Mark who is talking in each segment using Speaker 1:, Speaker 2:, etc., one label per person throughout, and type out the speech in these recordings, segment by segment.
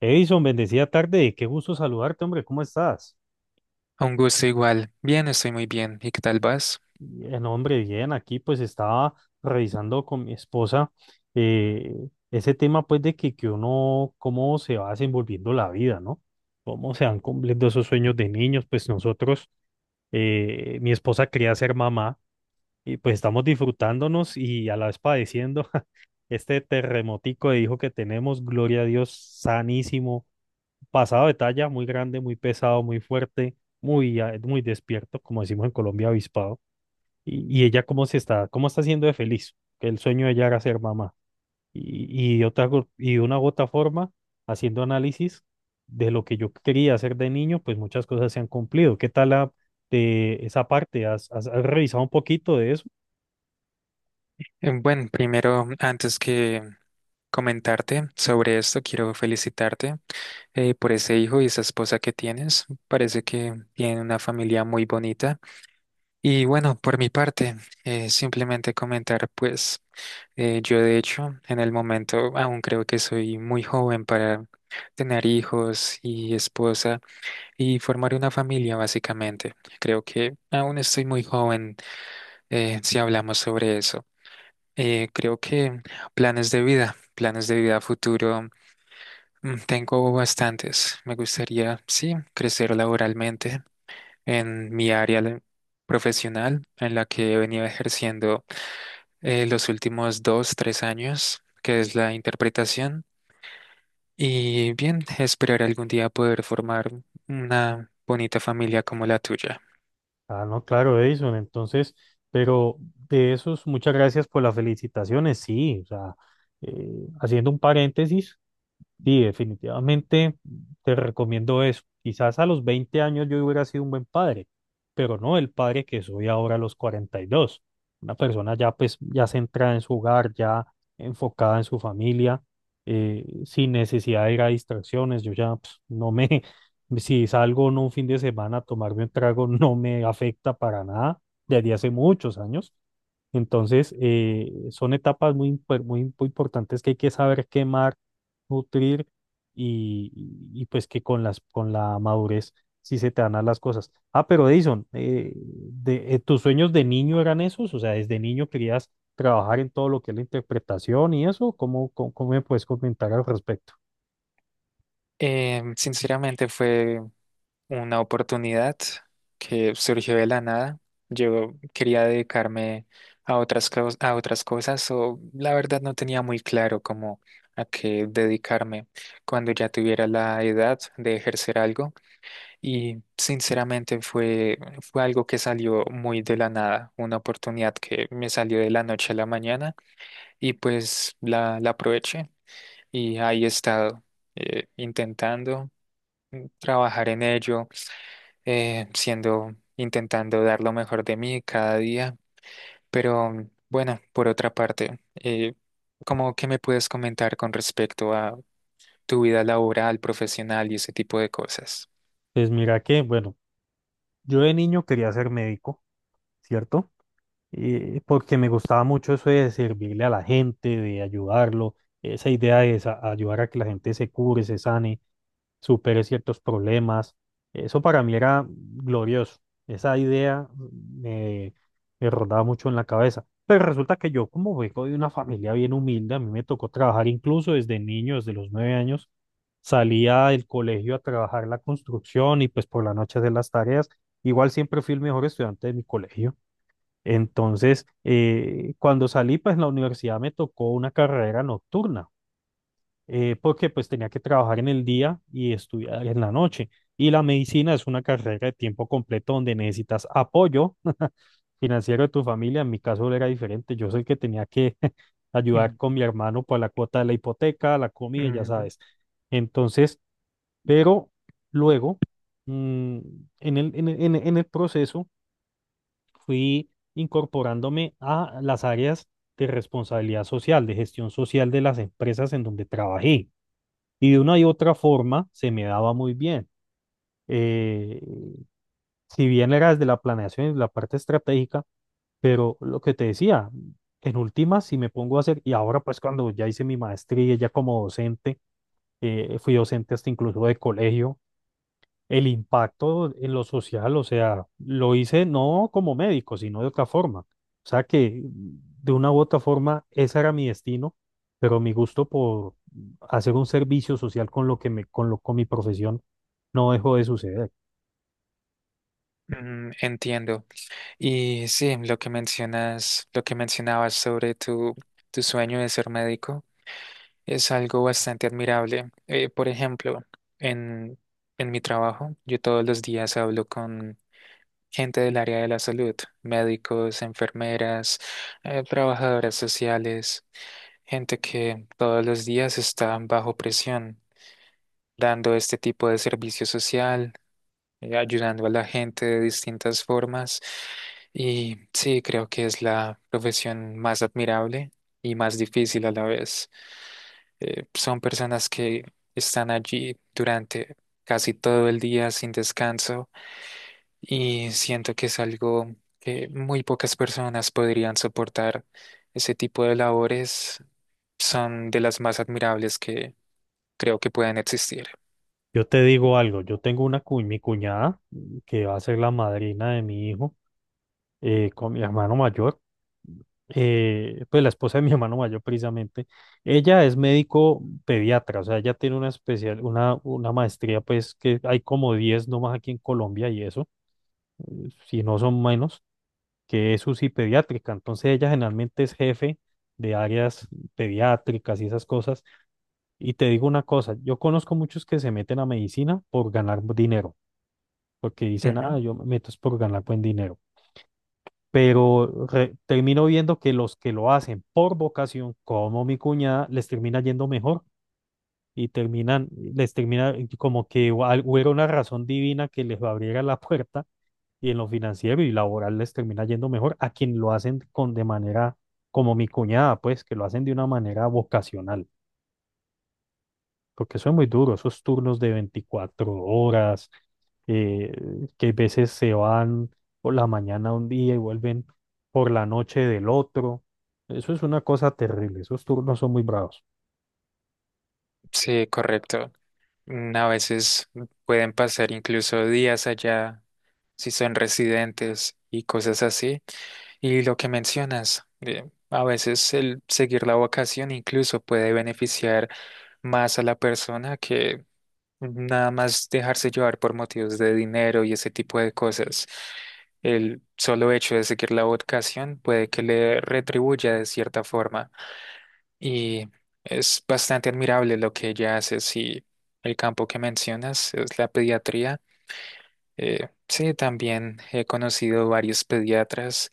Speaker 1: Edison, bendecida tarde, qué gusto saludarte, hombre, ¿cómo estás?
Speaker 2: Un gusto igual. Bien, estoy muy bien. ¿Y qué tal vas?
Speaker 1: Bien, hombre, bien, aquí pues estaba revisando con mi esposa eh, ese tema pues de que uno, cómo se va desenvolviendo la vida, ¿no? Cómo se van cumpliendo esos sueños de niños, pues nosotros, mi esposa quería ser mamá y pues estamos disfrutándonos y a la vez padeciendo este terremotico de hijo que tenemos, gloria a Dios, sanísimo pasado de talla, muy grande, muy pesado, muy fuerte, muy, muy despierto, como decimos en Colombia, avispado. Y ella cómo se está, cómo está siendo de feliz, que el sueño de ella era ser mamá. Y de una u otra forma, haciendo análisis de lo que yo quería hacer de niño, pues muchas cosas se han cumplido. ¿Qué tal de esa parte? ¿Has revisado un poquito de eso?
Speaker 2: Bueno, primero, antes que comentarte sobre esto, quiero felicitarte por ese hijo y esa esposa que tienes. Parece que tienen una familia muy bonita. Y bueno, por mi parte, simplemente comentar, pues, yo de hecho, en el momento aún creo que soy muy joven para tener hijos y esposa y formar una familia, básicamente. Creo que aún estoy muy joven si hablamos sobre eso. Creo que planes de vida a futuro, tengo bastantes. Me gustaría, sí, crecer laboralmente en mi área profesional en la que he venido ejerciendo los últimos dos, tres años, que es la interpretación. Y bien, esperar algún día poder formar una bonita familia como la tuya.
Speaker 1: Ah, no, claro, Edison. Entonces, pero de esos, muchas gracias por las felicitaciones. Sí, o sea, eh, haciendo un paréntesis, sí, definitivamente te recomiendo eso. Quizás a los 20 años yo hubiera sido un buen padre, pero no el padre que soy ahora a los 42. Una persona ya pues ya centrada en su hogar, ya enfocada en su familia, sin necesidad de ir a distracciones. Yo ya pues, no me, si salgo no un fin de semana a tomarme un trago, no me afecta para nada desde hace muchos años. Entonces, son etapas muy importantes que hay que saber quemar, nutrir y pues que con la madurez sí se te dan a las cosas. Ah, pero Edison, ¿tus sueños de niño eran esos? O sea, ¿desde niño querías trabajar en todo lo que es la interpretación y eso? ¿Cómo me puedes comentar al respecto?
Speaker 2: Sinceramente fue una oportunidad que surgió de la nada. Yo quería dedicarme a a otras cosas o la verdad no tenía muy claro cómo a qué dedicarme cuando ya tuviera la edad de ejercer algo y sinceramente fue algo que salió muy de la nada, una oportunidad que me salió de la noche a la mañana y pues la aproveché y ahí he estado intentando trabajar en ello intentando dar lo mejor de mí cada día. Pero bueno, por otra parte, ¿cómo qué me puedes comentar con respecto a tu vida laboral, profesional y ese tipo de cosas?
Speaker 1: Pues mira que, bueno, yo de niño quería ser médico, ¿cierto? Porque me gustaba mucho eso de servirle a la gente, de ayudarlo, esa idea de ayudar a que la gente se cure, se sane, supere ciertos problemas. Eso para mí era glorioso. Esa idea me rondaba mucho en la cabeza. Pero resulta que yo, como vengo de una familia bien humilde, a mí me tocó trabajar incluso desde niño, desde los 9 años. Salía del colegio a trabajar la construcción y pues por la noche de las tareas. Igual siempre fui el mejor estudiante de mi colegio. Entonces, cuando salí, pues en la universidad me tocó una carrera nocturna, porque pues tenía que trabajar en el día y estudiar en la noche. Y la medicina es una carrera de tiempo completo donde necesitas apoyo financiero de tu familia. En mi caso era diferente. Yo soy el que tenía que ayudar
Speaker 2: Mm,
Speaker 1: con mi hermano por la cuota de la hipoteca, la comida, ya
Speaker 2: ujú.
Speaker 1: sabes. Entonces, pero luego, mm, en el proceso fui incorporándome a las áreas de responsabilidad social, de gestión social de las empresas en donde trabajé. Y de una y otra forma se me daba muy bien. Eh, si bien era desde la planeación y la parte estratégica, pero lo que te decía, en últimas, si me pongo a hacer, y ahora pues cuando ya hice mi maestría, ya como docente, fui docente hasta incluso de colegio, el impacto en lo social, o sea, lo hice no como médico, sino de otra forma. O sea que de una u otra forma ese era mi destino, pero mi gusto por hacer un servicio social con lo que me, con lo, con mi profesión no dejó de suceder.
Speaker 2: Entiendo. Y sí, lo que mencionas, lo que mencionabas sobre tu sueño de ser médico es algo bastante admirable. Por ejemplo, en, en mi trabajo, yo todos los días hablo con gente del área de la salud, médicos, enfermeras, trabajadoras sociales, gente que todos los días está bajo presión, dando este tipo de servicio social, ayudando a la gente de distintas formas. Y sí, creo que es la profesión más admirable y más difícil a la vez. Son personas que están allí durante casi todo el día sin descanso y siento que es algo que muy pocas personas podrían soportar. Ese tipo de labores son de las más admirables que creo que pueden existir.
Speaker 1: Yo te digo algo, yo tengo mi cuñada que va a ser la madrina de mi hijo, con mi hermano mayor. Pues la esposa de mi hermano mayor precisamente, ella es médico pediatra, o sea, ella tiene una maestría, pues que hay como 10 nomás aquí en Colombia y eso, si no son menos, que es UCI pediátrica, entonces ella generalmente es jefe de áreas pediátricas y esas cosas, y te digo una cosa, yo conozco muchos que se meten a medicina por ganar dinero, porque dicen,
Speaker 2: Ujú.
Speaker 1: ah, yo me meto es por ganar buen dinero. Pero termino viendo que los que lo hacen por vocación, como mi cuñada, les termina yendo mejor y terminan, les termina como que hubiera una razón divina que les abriera la puerta y en lo financiero y laboral les termina yendo mejor a quien lo hacen con de manera como mi cuñada, pues que lo hacen de una manera vocacional porque eso es muy duro, esos turnos de 24 horas, eh, que a veces se van por la mañana un día y vuelven por la noche del otro. Eso es una cosa terrible, esos turnos son muy bravos.
Speaker 2: Sí, correcto. A veces pueden pasar incluso días allá si son residentes y cosas así. Y lo que mencionas, a veces el seguir la vocación incluso puede beneficiar más a la persona que nada más dejarse llevar por motivos de dinero y ese tipo de cosas. El solo hecho de seguir la vocación puede que le retribuya de cierta forma. Y es bastante admirable lo que ella hace. Si el campo que mencionas es la pediatría, sí, también he conocido varios pediatras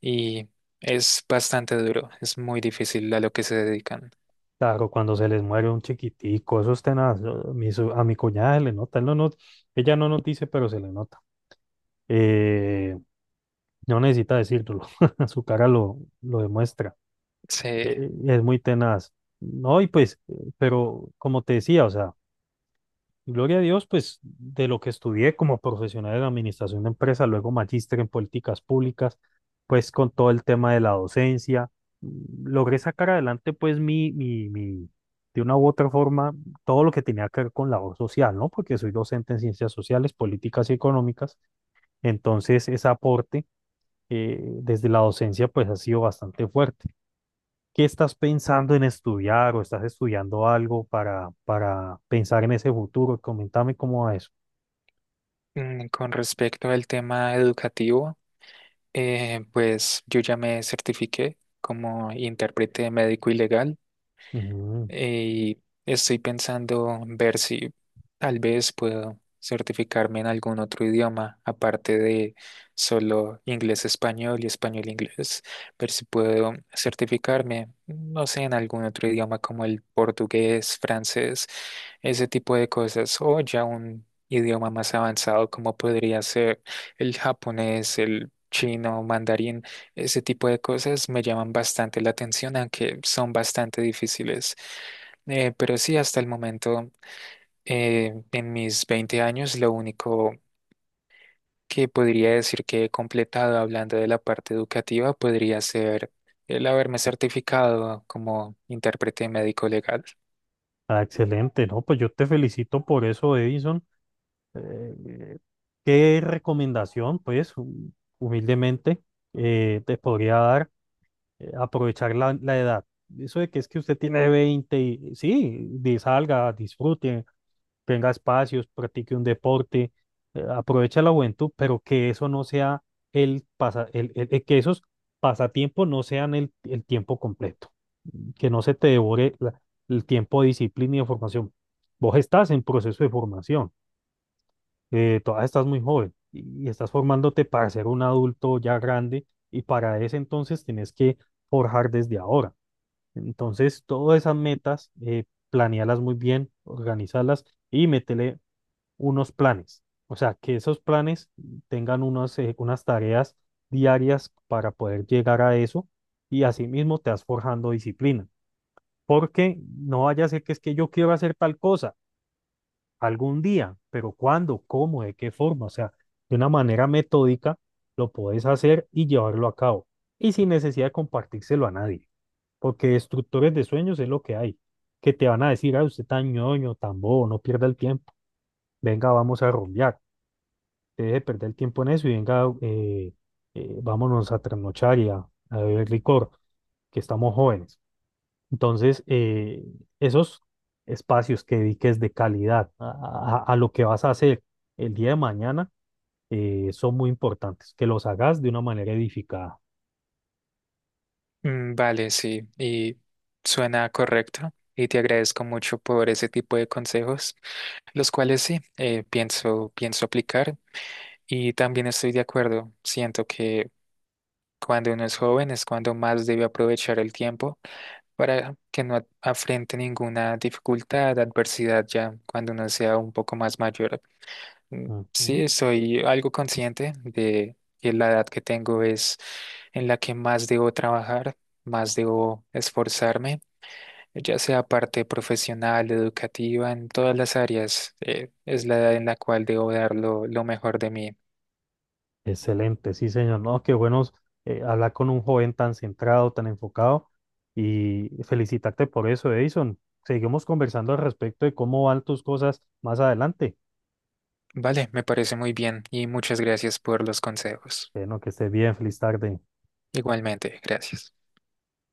Speaker 2: y es bastante duro. Es muy difícil a lo que se dedican.
Speaker 1: Claro, cuando se les muere un chiquitico, eso es tenaz. A mi cuñada se le nota, él no nos- ella no nos dice, pero se le nota. Eh, no necesita decírtelo, su cara lo demuestra.
Speaker 2: Sí.
Speaker 1: Es muy tenaz. No, y pues, pero como te decía, o sea, Gloria a Dios, pues de lo que estudié como profesional en administración de empresas, luego magíster en políticas públicas, pues con todo el tema de la docencia, logré sacar adelante pues de una u otra forma, todo lo que tenía que ver con labor social, ¿no? Porque soy docente en ciencias sociales, políticas y económicas, entonces ese aporte, desde la docencia pues ha sido bastante fuerte. ¿Qué estás pensando en estudiar o estás estudiando algo para pensar en ese futuro? Coméntame cómo va eso.
Speaker 2: Con respecto al tema educativo. Pues yo ya me certifiqué como intérprete médico y legal
Speaker 1: Ujú.
Speaker 2: y estoy pensando en ver si tal vez puedo certificarme en algún otro idioma, aparte de solo inglés-español y español-inglés, ver si puedo certificarme, no sé, en algún otro idioma como el portugués, francés, ese tipo de cosas, o ya un idioma más avanzado como podría ser el japonés, el chino, mandarín. Ese tipo de cosas me llaman bastante la atención, aunque son bastante difíciles. Pero sí, hasta el momento, en mis 20 años, lo único que podría decir que he completado hablando de la parte educativa podría ser el haberme certificado como intérprete médico legal.
Speaker 1: Ah, excelente, ¿no? Pues yo te felicito por eso, Edison. Eh, ¿Qué recomendación, pues, humildemente, te podría dar? Aprovechar la edad. Eso de que es que usted tiene 20 y, sí, salga, disfrute, tenga espacios, practique un deporte, aprovecha la juventud, pero que eso no sea el pasa, el- que esos pasatiempos no sean el tiempo completo. Que no se te devore el tiempo de disciplina y de formación. Vos estás en proceso de formación, todavía estás muy joven y estás formándote para ser un adulto ya grande y para ese entonces tenés que forjar desde ahora. Entonces, todas esas metas, planéalas muy bien, organízalas y métele unos planes. O sea, que esos planes tengan unas tareas diarias para poder llegar a eso y asimismo te vas forjando disciplina porque no vaya a ser que es que yo quiero hacer tal cosa algún día, pero ¿cuándo? ¿Cómo? ¿De qué forma? O sea, de una manera metódica lo puedes hacer y llevarlo a cabo y sin necesidad de compartírselo a nadie, porque destructores de sueños es lo que hay, que te van a decir, ah, usted tan ñoño, tan bobo, no pierda el tiempo, venga, vamos a rumbear, deje de perder el tiempo en eso y venga, vámonos a trasnochar y a- beber licor, que estamos jóvenes. Entonces, esos espacios que dediques de calidad a lo que vas a hacer el día de mañana, son muy importantes, que los hagas de una manera edificada.
Speaker 2: Vale, sí, y suena correcto. Y te agradezco mucho por ese tipo de consejos, los cuales sí, eh, pienso aplicar. Y también estoy de acuerdo, siento que cuando uno es joven es cuando más debe aprovechar el tiempo para que no afrente ninguna dificultad, adversidad ya cuando uno sea un poco más mayor. Mm,
Speaker 1: Ujú.
Speaker 2: Sí, soy algo consciente de que la edad que tengo es en la que más debo trabajar, más debo esforzarme, ya sea parte profesional, educativa, en todas las áreas, es la edad en la cual debo dar lo mejor de mí.
Speaker 1: Excelente, sí, señor. No, qué bueno, hablar con un joven tan centrado, tan enfocado y felicitarte por eso, Edison. Seguimos conversando al respecto de cómo van tus cosas más adelante.
Speaker 2: Vale, me parece muy bien y muchas gracias por los consejos.
Speaker 1: Bueno, que estés bien, feliz tarde.
Speaker 2: Igualmente, gracias.